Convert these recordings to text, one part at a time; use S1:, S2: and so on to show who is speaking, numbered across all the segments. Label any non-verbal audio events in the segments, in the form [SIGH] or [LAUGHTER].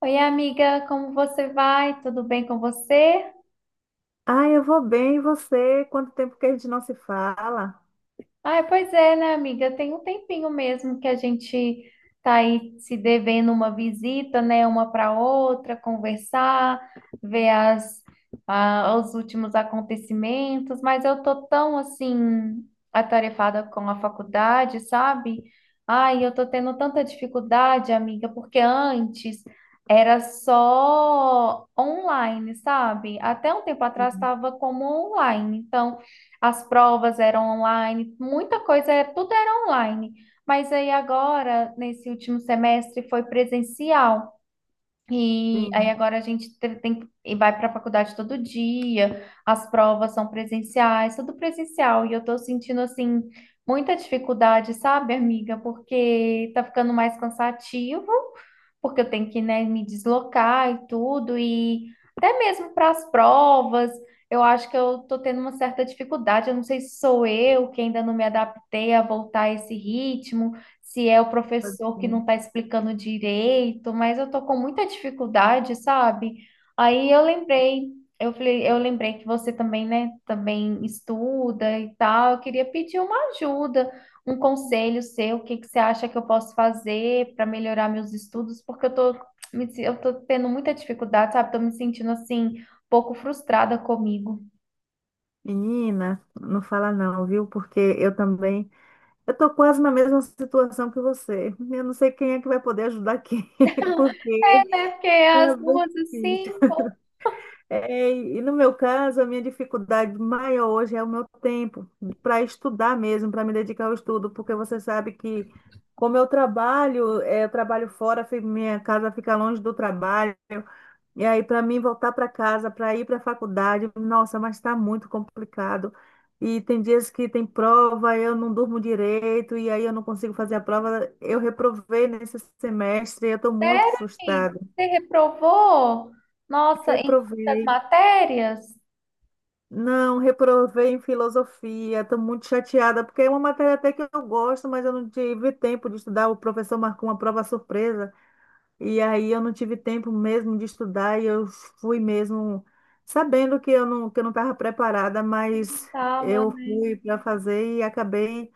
S1: Oi, amiga, como você vai? Tudo bem com você?
S2: Ah, eu vou bem, e você? Quanto tempo que a gente não se fala?
S1: Ah, pois é, né, amiga? Tem um tempinho mesmo que a gente tá aí se devendo uma visita, né, uma para outra, conversar, ver os últimos acontecimentos, mas eu tô tão assim atarefada com a faculdade, sabe? Ai, eu tô tendo tanta dificuldade, amiga, porque antes era só online, sabe? Até um tempo atrás
S2: Sim.
S1: estava como online, então as provas eram online, muita coisa, tudo era online. Mas aí agora, nesse último semestre, foi presencial. E aí
S2: Sim,
S1: agora a gente tem, e vai para a faculdade todo dia, as provas são presenciais, tudo presencial, e eu tô sentindo assim muita dificuldade, sabe, amiga? Porque tá ficando mais cansativo, porque eu tenho que, né, me deslocar e tudo, e até mesmo para as provas, eu acho que eu tô tendo uma certa dificuldade, eu não sei se sou eu que ainda não me adaptei a voltar a esse ritmo, se é o
S2: pode
S1: professor que
S2: ser.
S1: não está explicando direito, mas eu tô com muita dificuldade, sabe? Aí eu lembrei, eu falei, eu lembrei que você também, né, também estuda e tal. Eu queria pedir uma ajuda, um conselho seu, o que que você acha que eu posso fazer para melhorar meus estudos, porque eu tô, me se- eu tô tendo muita dificuldade, sabe? Tô me sentindo assim, um pouco frustrada comigo.
S2: Menina, não fala não, viu? Eu tô quase na mesma situação que você. Eu não sei quem é que vai poder ajudar quem, [LAUGHS]
S1: É,
S2: porque
S1: né? Porque as
S2: é bem
S1: duas assim,
S2: difícil. É, e no meu caso, a minha dificuldade maior hoje é o meu tempo para estudar mesmo, para me dedicar ao estudo, porque você sabe que como eu trabalho, é, eu trabalho fora, minha casa fica longe do trabalho. E aí, para mim, voltar para casa, para ir para a faculdade, nossa, mas está muito complicado. E tem dias que tem prova, eu não durmo direito, e aí eu não consigo fazer a prova. Eu reprovei nesse semestre, eu estou muito
S1: sério, amigo?
S2: frustrada.
S1: Você reprovou? Nossa, em muitas
S2: Reprovei.
S1: matérias?
S2: Não, reprovei em filosofia, estou muito chateada, porque é uma matéria até que eu gosto, mas eu não tive tempo de estudar. O professor marcou uma prova surpresa. E aí eu não tive tempo mesmo de estudar e eu fui mesmo sabendo que eu não estava preparada, mas
S1: Tava,
S2: eu
S1: né?
S2: fui para fazer e acabei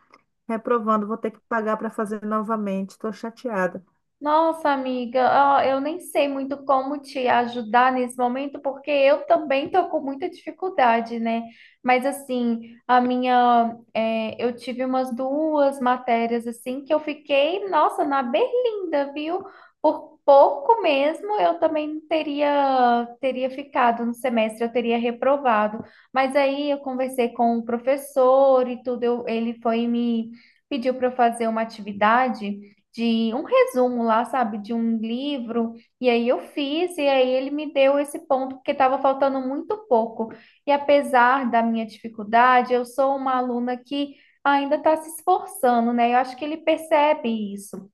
S2: reprovando. Vou ter que pagar para fazer novamente. Estou chateada.
S1: Nossa, amiga, ó, eu nem sei muito como te ajudar nesse momento, porque eu também tô com muita dificuldade, né? Mas assim, a minha, é, eu tive umas duas matérias assim que eu fiquei, nossa, na berlinda, viu? Por pouco mesmo, eu também teria ficado no semestre, eu teria reprovado. Mas aí eu conversei com o professor e tudo, ele foi e me pediu para eu fazer uma atividade de um resumo lá, sabe, de um livro. E aí eu fiz, e aí ele me deu esse ponto, porque estava faltando muito pouco. E apesar da minha dificuldade, eu sou uma aluna que ainda está se esforçando, né? Eu acho que ele percebe isso.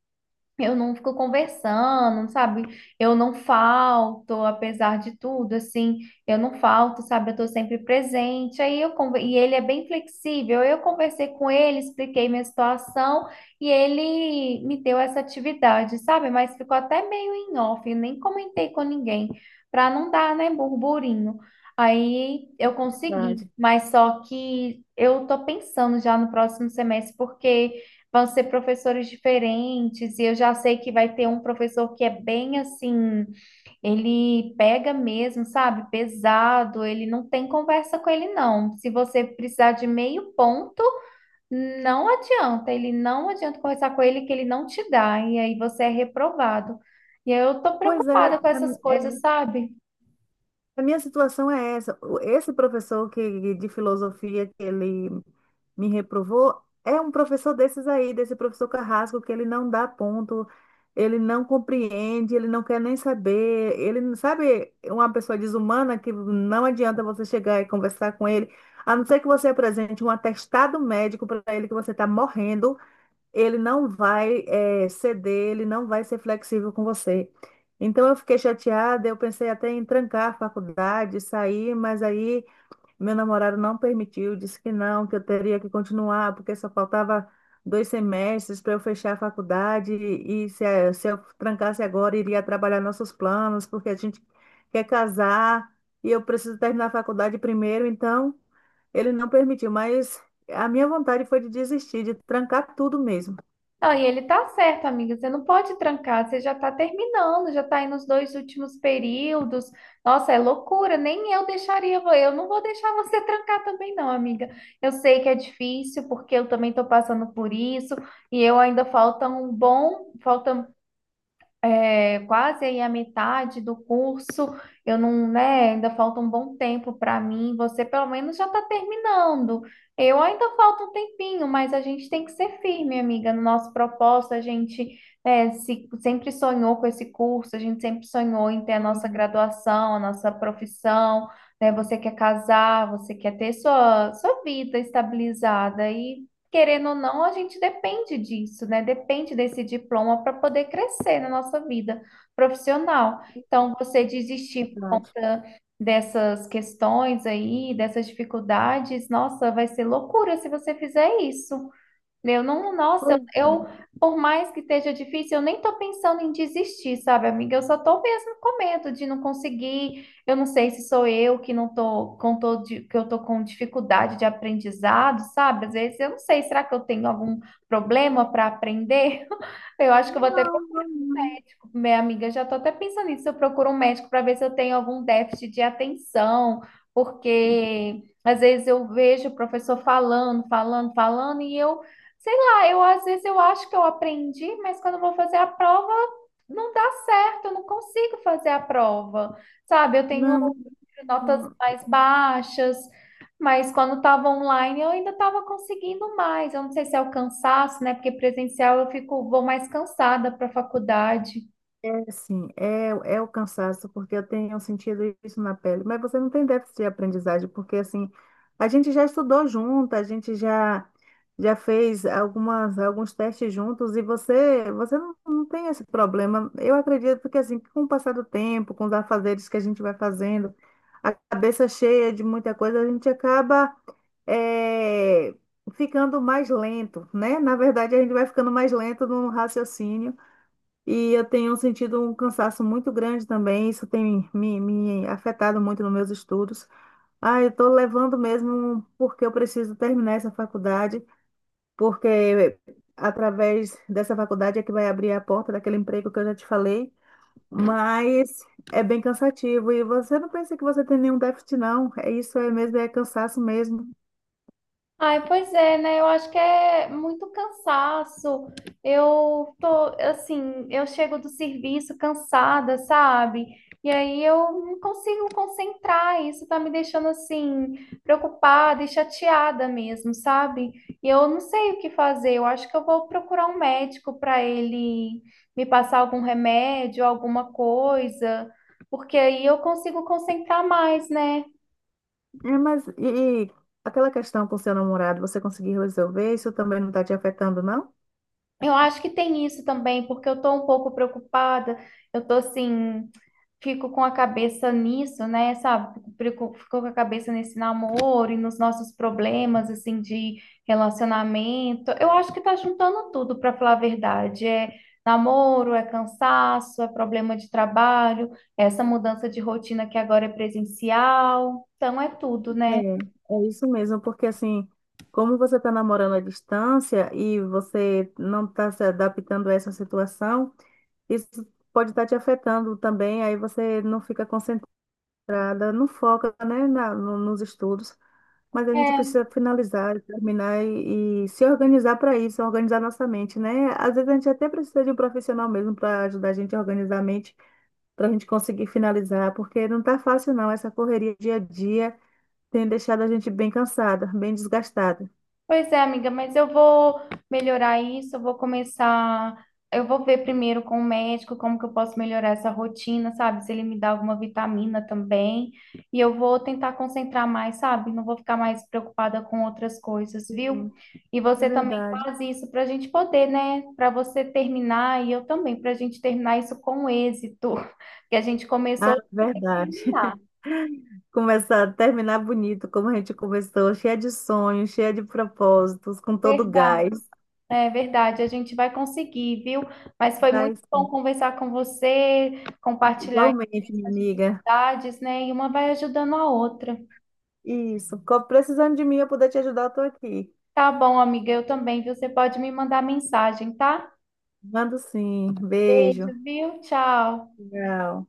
S1: Eu não fico conversando, sabe? Eu não falto, apesar de tudo, assim, eu não falto, sabe? Eu tô sempre presente. Aí eu e ele é bem flexível. Eu conversei com ele, expliquei minha situação e ele me deu essa atividade, sabe? Mas ficou até meio em off, eu nem comentei com ninguém, para não dar, né, burburinho. Aí eu consegui,
S2: Verdade.
S1: mas só que eu tô pensando já no próximo semestre, porque vão ser professores diferentes, e eu já sei que vai ter um professor que é bem assim, ele pega mesmo, sabe? Pesado, ele não tem conversa com ele, não. Se você precisar de meio ponto, não adianta, ele não adianta conversar com ele que ele não te dá, e aí você é reprovado. E aí eu tô
S2: Pois é,
S1: preocupada com
S2: é,
S1: essas
S2: é,
S1: coisas, sabe?
S2: a minha situação é essa. Esse professor de filosofia que ele me reprovou é um professor desses aí, desse professor Carrasco, que ele não dá ponto, ele não compreende, ele não quer nem saber. Ele, não- Sabe, uma pessoa desumana que não adianta você chegar e conversar com ele, a não ser que você apresente um atestado médico para ele que você está morrendo, ele não vai ceder, ele não vai ser flexível com você. Então eu fiquei chateada, eu pensei até em trancar a faculdade, sair, mas aí meu namorado não permitiu, disse que não, que eu teria que continuar, porque só faltava dois semestres para eu fechar a faculdade e se eu trancasse agora, iria trabalhar nossos planos, porque a gente quer casar e eu preciso terminar a faculdade primeiro, então ele não permitiu, mas a minha vontade foi de desistir, de trancar tudo mesmo.
S1: Não, e ele tá certo, amiga. Você não pode trancar, você já tá terminando, já tá aí nos dois últimos períodos. Nossa, é loucura, nem eu deixaria, eu não vou deixar você [LAUGHS] trancar também, não, amiga. Eu sei que é difícil, porque eu também tô passando por isso, e eu ainda falta um bom, falta é, quase aí a metade do curso, eu não, né, ainda falta um bom tempo para mim, você pelo menos já está terminando. Eu ainda falta um tempinho, mas a gente tem que ser firme, amiga, no nosso propósito, a gente é, sempre sonhou com esse curso, a gente sempre sonhou em ter a nossa
S2: Uhum.
S1: graduação, a nossa profissão, né? Você quer casar, você quer ter sua vida estabilizada e, querendo ou não, a gente depende disso, né? Depende desse diploma para poder crescer na nossa vida profissional. Então, você desistir por
S2: Verdade.
S1: conta dessas questões aí, dessas dificuldades, nossa, vai ser loucura se você fizer isso. Eu não, nossa,
S2: Pois é.
S1: por mais que esteja difícil, eu nem tô pensando em desistir, sabe, amiga? Eu só tô mesmo com medo de não conseguir. Eu não sei se sou eu que não tô com tô que eu tô com dificuldade de aprendizado, sabe? Às vezes eu não sei, será que eu tenho algum problema para aprender? [LAUGHS] Eu acho que eu vou ter,
S2: Não, não, não.
S1: minha amiga, já estou até pensando nisso. Eu procuro um médico para ver se eu tenho algum déficit de atenção, porque às vezes eu vejo o professor falando, falando, falando, e eu, sei lá, eu às vezes eu acho que eu aprendi, mas quando eu vou fazer a prova, não dá certo, eu não consigo fazer a prova, sabe? Eu tenho
S2: Não,
S1: notas
S2: não.
S1: mais baixas, mas quando estava online eu ainda estava conseguindo mais. Eu não sei se é o cansaço, né? Porque presencial eu fico, vou mais cansada para a faculdade.
S2: É assim, é, é o cansaço, porque eu tenho sentido isso na pele. Mas você não tem déficit de aprendizagem, porque assim, a gente já estudou junto, já fez alguns testes juntos, e você não tem esse problema. Eu acredito que assim, com o passar do tempo, com os afazeres que a gente vai fazendo, a cabeça cheia de muita coisa, a gente acaba. É, ficando mais lento, né? Na verdade, a gente vai ficando mais lento no raciocínio e eu tenho sentido um cansaço muito grande também. Isso tem me afetado muito nos meus estudos. Ah, eu estou levando mesmo porque eu preciso terminar essa faculdade, porque através dessa faculdade é que vai abrir a porta daquele emprego que eu já te falei. Mas é bem cansativo e você não pensa que você tem nenhum déficit, não. É isso, é mesmo, é cansaço mesmo.
S1: Ai, pois é, né? Eu acho que é muito cansaço. Eu tô, assim, eu chego do serviço cansada, sabe? E aí eu não consigo concentrar. Isso tá me deixando, assim, preocupada e chateada mesmo, sabe? E eu não sei o que fazer. Eu acho que eu vou procurar um médico para ele me passar algum remédio, alguma coisa, porque aí eu consigo concentrar mais, né?
S2: É, mas e aquela questão com seu namorado, você conseguiu resolver? Isso também não está te afetando, não?
S1: Eu acho que tem isso também, porque eu estou um pouco preocupada. Eu tô assim, fico com a cabeça nisso, né? Sabe? Fico, fico com a cabeça nesse namoro e nos nossos problemas, assim, de relacionamento. Eu acho que tá juntando tudo, para falar a verdade. É namoro, é cansaço, é problema de trabalho, é essa mudança de rotina que agora é presencial. Então é tudo,
S2: É,
S1: né?
S2: é isso mesmo, porque assim, como você está namorando à distância e você não está se adaptando a essa situação, isso pode estar te afetando também, aí você não fica concentrada, não foca, né, na, no- nos estudos. Mas a gente
S1: É.
S2: precisa finalizar, terminar e se organizar para isso, organizar nossa mente, né? Às vezes a gente até precisa de um profissional mesmo para ajudar a gente a organizar a mente para a gente conseguir finalizar, porque não está fácil não, essa correria dia a dia tem deixado a gente bem cansada, bem desgastada.
S1: Pois é, amiga, mas eu vou melhorar isso, eu vou começar, eu vou ver primeiro com o médico como que eu posso melhorar essa rotina, sabe? Se ele me dá alguma vitamina também. E eu vou tentar concentrar mais, sabe? Não vou ficar mais preocupada com outras coisas, viu?
S2: Sim,
S1: E
S2: é
S1: você também
S2: verdade.
S1: faz isso para a gente poder, né? Para você terminar e eu também, para a gente terminar isso com êxito, [LAUGHS] que a gente começou
S2: Ah,
S1: a
S2: verdade.
S1: terminar.
S2: [LAUGHS] Começar, terminar bonito, como a gente começou, cheia de sonhos, cheia de propósitos, com todo
S1: Verdade.
S2: gás.
S1: É verdade, a gente vai conseguir, viu? Mas foi muito
S2: Mas,
S1: bom conversar com você, compartilhar
S2: igualmente, minha
S1: essas
S2: amiga.
S1: dificuldades, né? E uma vai ajudando a outra.
S2: Isso. Precisando de mim, eu poder te ajudar, eu tô aqui.
S1: Tá bom, amiga, eu também, viu? Você pode me mandar mensagem, tá?
S2: Mando sim.
S1: Beijo,
S2: Beijo.
S1: viu? Tchau.
S2: Tchau.